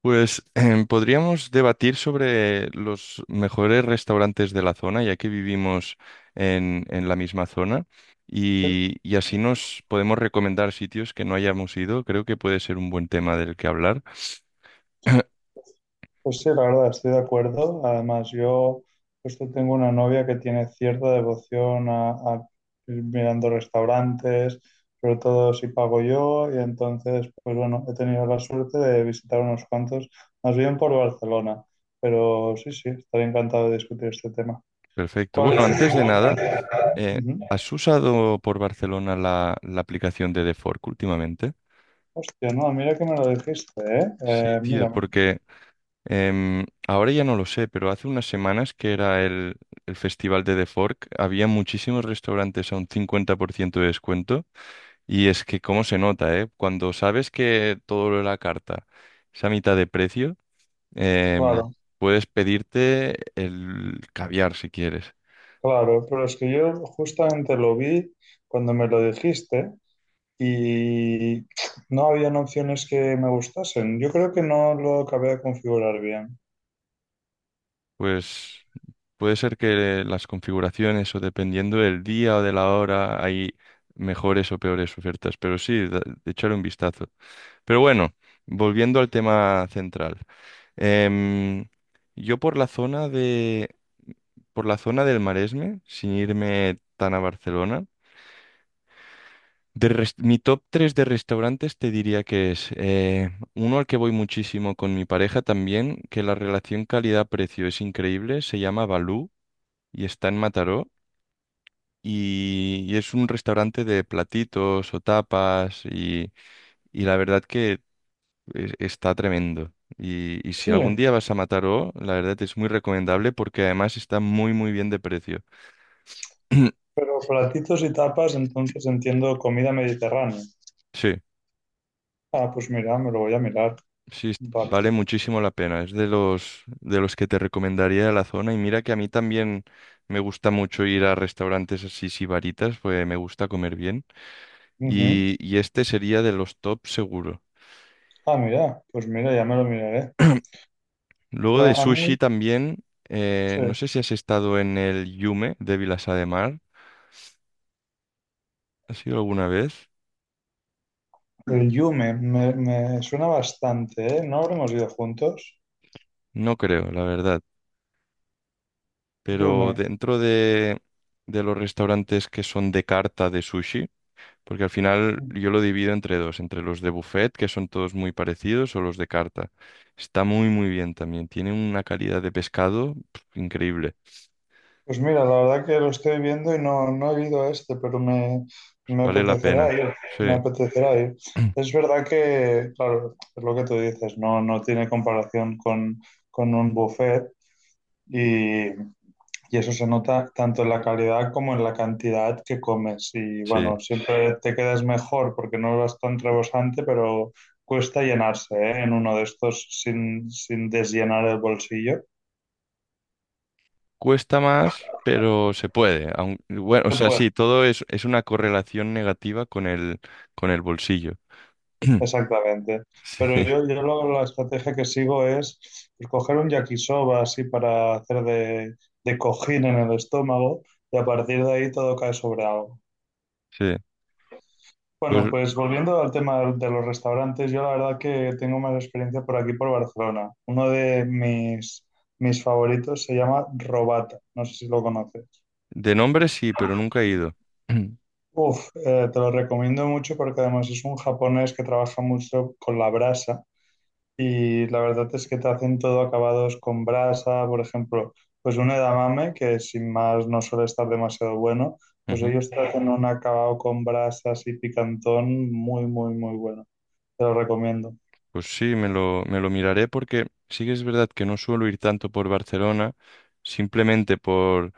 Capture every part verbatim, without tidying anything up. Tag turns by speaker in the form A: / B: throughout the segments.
A: Pues em, podríamos debatir sobre los mejores restaurantes de la zona, ya que vivimos en, en la misma zona,
B: Sí,
A: y, y así nos podemos recomendar sitios que no hayamos ido. Creo que puede ser un buen tema del que hablar.
B: pues sí, la verdad, estoy de acuerdo. Además, yo justo tengo una novia que tiene cierta devoción a, a ir mirando restaurantes, sobre todo si pago yo, y entonces, pues bueno, he tenido la suerte de visitar unos cuantos, más bien por Barcelona. Pero sí, sí, estaría encantado de discutir este tema.
A: Perfecto.
B: ¿Cuál
A: Bueno,
B: es?
A: antes de nada, eh,
B: Ujú.
A: ¿has usado por Barcelona la, la aplicación de The Fork últimamente?
B: Hostia, no, mira que me lo dijiste, ¿eh?
A: Sí,
B: Eh,
A: tío,
B: mira,
A: porque Em, ahora ya no lo sé, pero hace unas semanas que era el, el festival de The Fork, había muchísimos restaurantes a un cincuenta por ciento de descuento y es que cómo se nota, ¿eh? Cuando sabes que todo lo de la carta es a mitad de precio, em,
B: claro,
A: puedes pedirte el caviar si quieres.
B: claro, pero es que yo justamente lo vi cuando me lo dijiste. Y no habían opciones que me gustasen. Yo creo que no lo acabé de configurar bien.
A: Pues puede ser que las configuraciones o dependiendo del día o de la hora hay mejores o peores ofertas, pero sí, da- de echarle un vistazo. Pero bueno, volviendo al tema central. Em, yo por la zona de, por la zona del Maresme, sin irme tan a Barcelona, de res- mi top tres de restaurantes te diría que es eh, uno al que voy muchísimo con mi pareja también, que la relación calidad-precio es increíble, se llama Balú y está en Mataró. Y, y es un restaurante de platitos o tapas y, y la verdad que Es- Está tremendo. Y, y si
B: Sí,
A: algún día vas a Mataró, la verdad es muy recomendable porque además está muy muy bien de precio.
B: pero platitos y tapas, entonces entiendo comida mediterránea.
A: Sí,
B: Ah, pues mira, me lo voy a mirar.
A: sí, es-
B: Vale.
A: vale muchísimo la pena. Es de los de los que te recomendaría de la zona. Y mira que a mí también me gusta mucho ir a restaurantes así sibaritas, pues me gusta comer bien.
B: Ujú.
A: Y, y este sería de los top seguro.
B: Ah, mira, pues mira, ya me lo miraré.
A: Luego de
B: Pues a
A: sushi
B: mí,
A: también, eh,
B: sí,
A: no sé si has estado en el Yume de Vilassar de Mar. ¿Has ido alguna vez?
B: el yume me, me suena bastante, ¿eh? ¿No habremos ido juntos?
A: No creo, la verdad. Pero
B: Yume.
A: dentro de, de, los restaurantes que son de carta de sushi, porque al final yo lo divido entre dos, entre los de buffet, que son todos muy parecidos, o los de carta. Está muy, muy bien también. Tiene una calidad de pescado pf, increíble.
B: Pues mira, la verdad que lo estoy viendo y no, no he ido a este, pero me, me
A: Vale la
B: apetecerá
A: pena.
B: ir,
A: Sí,
B: me apetecerá ir. Es verdad que, claro, es lo que tú dices, no, no tiene comparación con, con un buffet y, y eso se nota tanto en la calidad como en la cantidad que comes. Y
A: sí.
B: bueno, siempre te quedas mejor porque no vas tan rebosante, pero cuesta llenarse, ¿eh? En uno de estos sin, sin desllenar el bolsillo.
A: Cuesta más, pero se puede. aun- bueno, o
B: Se
A: sea,
B: puede.
A: sí, todo es, es una correlación negativa con el, con el bolsillo.
B: Exactamente.
A: Sí,
B: Pero yo, yo lo- la estrategia que sigo es pues, coger un yakisoba así para hacer de, de cojín en el estómago y a partir de ahí todo cae sobre algo.
A: sí.
B: Bueno,
A: Pues
B: pues volviendo al tema de los restaurantes, yo la verdad que tengo más experiencia por aquí, por Barcelona. Uno de mis, mis favoritos se llama Robata, no sé si lo conoces.
A: de nombre sí, pero nunca he ido.
B: Uf, eh, te lo recomiendo mucho porque además es un japonés que trabaja mucho con la brasa. Y la verdad es que te hacen todo acabados con brasa, por ejemplo, pues un edamame, que sin más no suele estar demasiado bueno, pues
A: Ujú.
B: ellos te hacen un acabado con brasas y picantón muy, muy, muy bueno. Te lo recomiendo.
A: Pues sí, me lo, me lo miraré porque sí que es verdad que no suelo ir tanto por Barcelona, simplemente por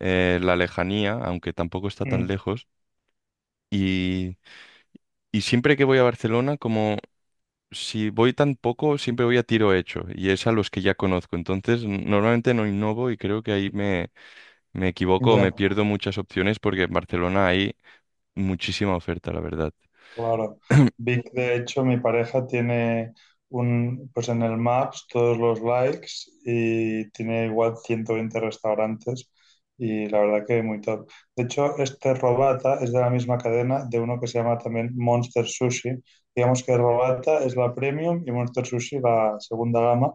A: eh, la lejanía, aunque tampoco está tan
B: Mm,
A: lejos. Y, y siempre que voy a Barcelona, como si voy tan poco, siempre voy a tiro hecho, y es a los que ya conozco. Entonces, n- normalmente no innovo y creo que ahí me, me equivoco o me
B: ya.
A: pierdo muchas opciones porque en Barcelona hay muchísima oferta, la verdad.
B: Claro. Vic, de hecho, mi pareja tiene un, pues en el Maps todos los likes y tiene igual ciento veinte restaurantes y la verdad que muy top. De hecho, este Robata es de la misma cadena de uno que se llama también Monster Sushi. Digamos que Robata es la premium y Monster Sushi la segunda gama,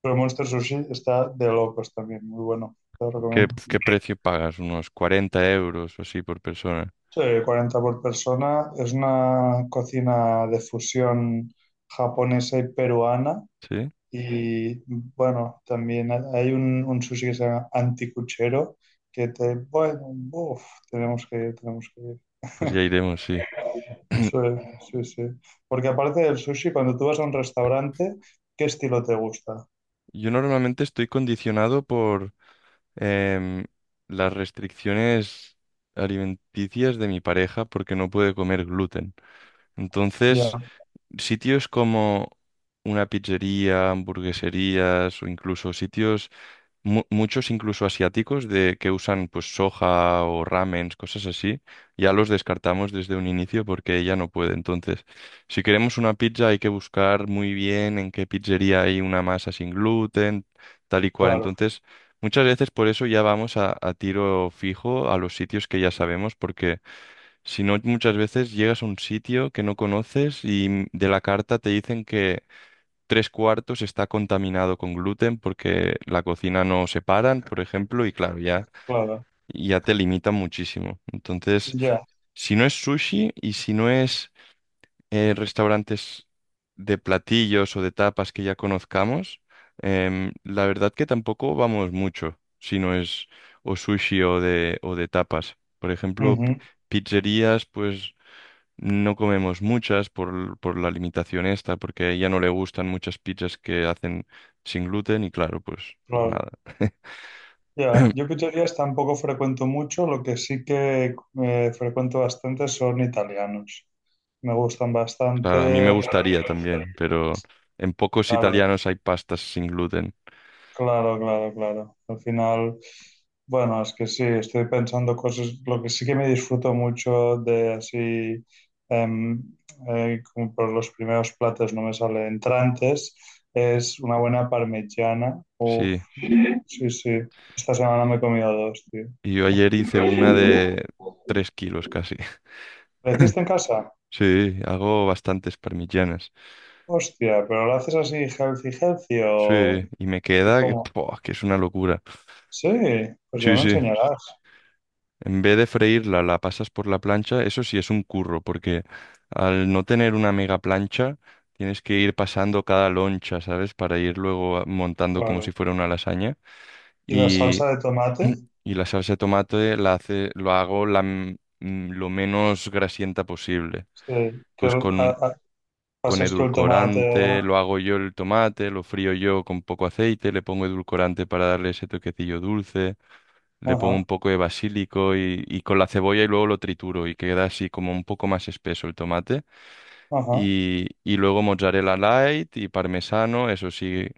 B: pero Monster Sushi está de locos también, muy bueno, te lo
A: ¿Qué,
B: recomiendo.
A: qué precio pagas? Unos cuarenta euros o así por persona.
B: Sí, cuarenta por persona. Es una cocina de fusión japonesa y peruana.
A: ¿Sí?
B: Y bueno, también ha- hay un, un sushi que se llama anticuchero, que te, bueno, uf, tenemos que ir, tenemos que ir.
A: Pues ya iremos, sí.
B: Sí, sí, sí. Porque aparte del sushi, cuando tú vas a un restaurante, ¿qué estilo te gusta?
A: Yo normalmente estoy condicionado por em, las restricciones alimenticias de mi pareja porque no puede comer gluten. Entonces,
B: Ya,
A: sitios como una pizzería, hamburgueserías o incluso sitios mu- muchos incluso asiáticos de que usan pues soja o ramens, cosas así, ya los descartamos desde un inicio porque ella no puede. Entonces, si queremos una pizza hay que buscar muy bien en qué pizzería hay una masa sin gluten, tal y cual.
B: claro,
A: Entonces, muchas veces por eso ya vamos a, a tiro fijo a los sitios que ya sabemos porque si no, muchas veces llegas a un sitio que no conoces y de la carta te dicen que tres cuartos está contaminado con gluten porque la cocina no separan, por ejemplo, y claro, ya,
B: claro.
A: ya te limitan muchísimo. Entonces,
B: Ya,
A: si no es sushi y si no es eh, restaurantes de platillos o de tapas que ya conozcamos, em, la verdad que tampoco vamos mucho si no es o sushi o de, o de tapas. Por ejemplo, pi-
B: ujú,
A: pizzerías, pues no comemos muchas por, por la limitación esta, porque a ella no le gustan muchas pizzas que hacen sin gluten y claro, pues, pues
B: claro.
A: nada.
B: Ya, yo pizzerías tampoco frecuento mucho, lo que sí que eh, frecuento bastante son italianos. Me gustan
A: Claro, a mí me
B: bastante.
A: gustaría también, pero en pocos
B: Claro,
A: italianos hay pastas sin gluten.
B: claro, claro, claro. Al final, bueno, es que sí, estoy pensando cosas, lo que sí que me disfruto mucho de así, em, eh, como por los primeros platos no me sale entrantes, es una buena parmigiana. Uf,
A: Sí,
B: sí, sí. Esta semana me he comido dos, tío.
A: y yo ayer hice una de tres kilos casi.
B: ¿La hiciste en casa?
A: Sí, hago bastantes parmigianas.
B: Hostia, pero lo haces así, healthy, healthy, o...
A: Sí, y me
B: ¿Y
A: queda que,
B: cómo?
A: ¡pua! Que es una locura.
B: Sí, pues ya
A: Sí,
B: me
A: sí.
B: enseñarás,
A: En vez de freírla, la pasas por la plancha. Eso sí es un curro, porque al no tener una mega plancha, tienes que ir pasando cada loncha, ¿sabes? Para ir luego a- montando como si
B: claro.
A: fuera una lasaña.
B: ¿Y la
A: Y,
B: salsa de tomate?
A: y la salsa de tomate la hace, lo hago la, m- m- lo menos grasienta posible.
B: Sí, que
A: Pues
B: a-
A: con,
B: a-
A: con
B: pasas tú el tomate...
A: edulcorante lo hago yo el tomate, lo frío yo con poco aceite, le pongo edulcorante para darle ese toquecillo dulce, le pongo un
B: Ajá,
A: poco de basílico y, y con la cebolla y luego lo trituro y queda así como un poco más espeso el tomate.
B: ajá,
A: Y, y luego mozzarella light y parmesano, eso sí,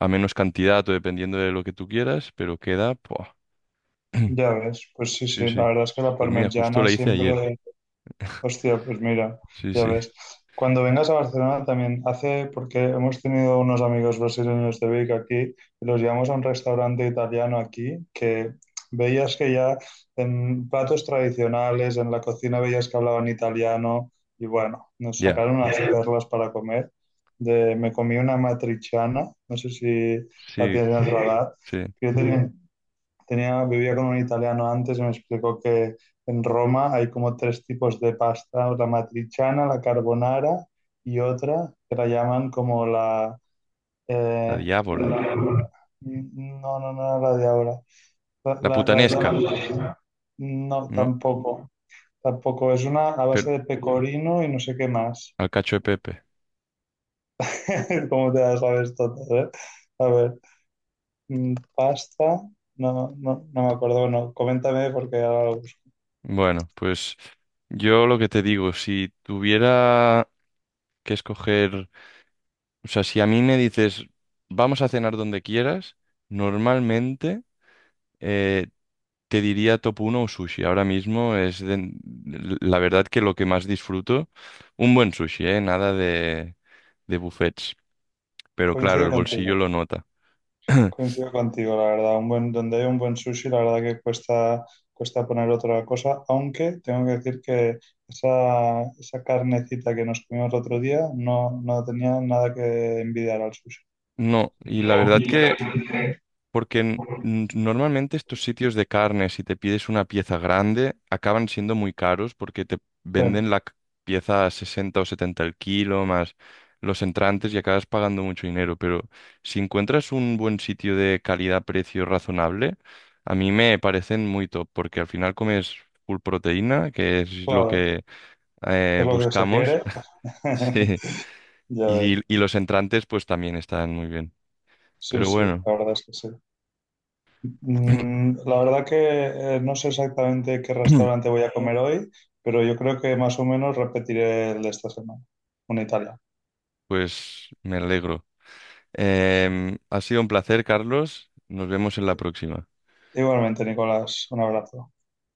A: a menos cantidad o dependiendo de lo que tú quieras, pero queda... ¡buah!
B: ya ves. Pues sí,
A: Sí,
B: sí, la
A: sí.
B: verdad es que la
A: Pues mira, justo
B: parmigiana
A: la hice ayer.
B: siempre... Hostia, pues mira,
A: Sí,
B: ya
A: sí.
B: ves. Cuando vengas a Barcelona también hace, porque hemos tenido unos amigos brasileños de Vic aquí, y los llevamos a un restaurante italiano aquí, que veías que ya en platos tradicionales, en la cocina veías que hablaban italiano, y bueno, nos
A: Ya,
B: sacaron unas perlas para comer. De, me comí una matriciana, no sé si la
A: sí,
B: tienes en el radar,
A: sí.
B: que yo tenía, tenía, vivía con un italiano antes y me explicó que en Roma hay como tres tipos de pasta, la matriciana, la carbonara y otra que la llaman como la...
A: La
B: eh,
A: diábola.
B: la- no, no, no, la de ahora. La-
A: La
B: la- las
A: putanesca,
B: llaman... No,
A: ¿no?
B: tampoco. Tampoco. Es una a base
A: Pero
B: de pecorino y no sé qué más.
A: al cacho de Pepe.
B: Cómo te las sabes todas, ¿eh? A ver, mm, pasta. No, no, no me acuerdo. Bueno, coméntame porque ahora lo busco.
A: Bueno, pues yo lo que te digo, si tuviera que escoger. O sea, si a mí me dices, vamos a cenar donde quieras, normalmente eh, te diría top uno o sushi. Ahora mismo es de- la verdad que lo que más disfruto, un buen sushi, ¿eh? Nada de, de buffets. Pero claro,
B: Coincido
A: el
B: contigo.
A: bolsillo lo nota.
B: Coincido contigo, la verdad. Un buen, donde hay un buen sushi, la verdad que cuesta, cuesta poner otra cosa, aunque tengo que decir que esa, esa carnecita que nos comimos el otro día no, no tenía nada que envidiar al sushi.
A: No, y la verdad que. Porque n- n- normalmente estos sitios de carne, si te pides una pieza grande, acaban siendo muy caros porque te
B: Sí,
A: venden la c- pieza a sesenta o setenta el kilo, más los entrantes y acabas pagando mucho dinero. Pero si encuentras un buen sitio de calidad-precio razonable, a mí me parecen muy top porque al final comes full proteína, que es lo
B: claro,
A: que eh,
B: es lo que se
A: buscamos.
B: quiere.
A: Sí.
B: Ya
A: Y,
B: ves.
A: y los entrantes pues también están muy bien.
B: Sí,
A: Pero
B: sí,
A: bueno.
B: la verdad es que sí. Mm, la verdad que eh, no sé exactamente qué restaurante voy a comer hoy, pero yo creo que más o menos repetiré el de esta semana, un Italia.
A: Pues me alegro. Em, ha sido un placer, Carlos. Nos vemos en la próxima.
B: Igualmente, Nicolás, un abrazo.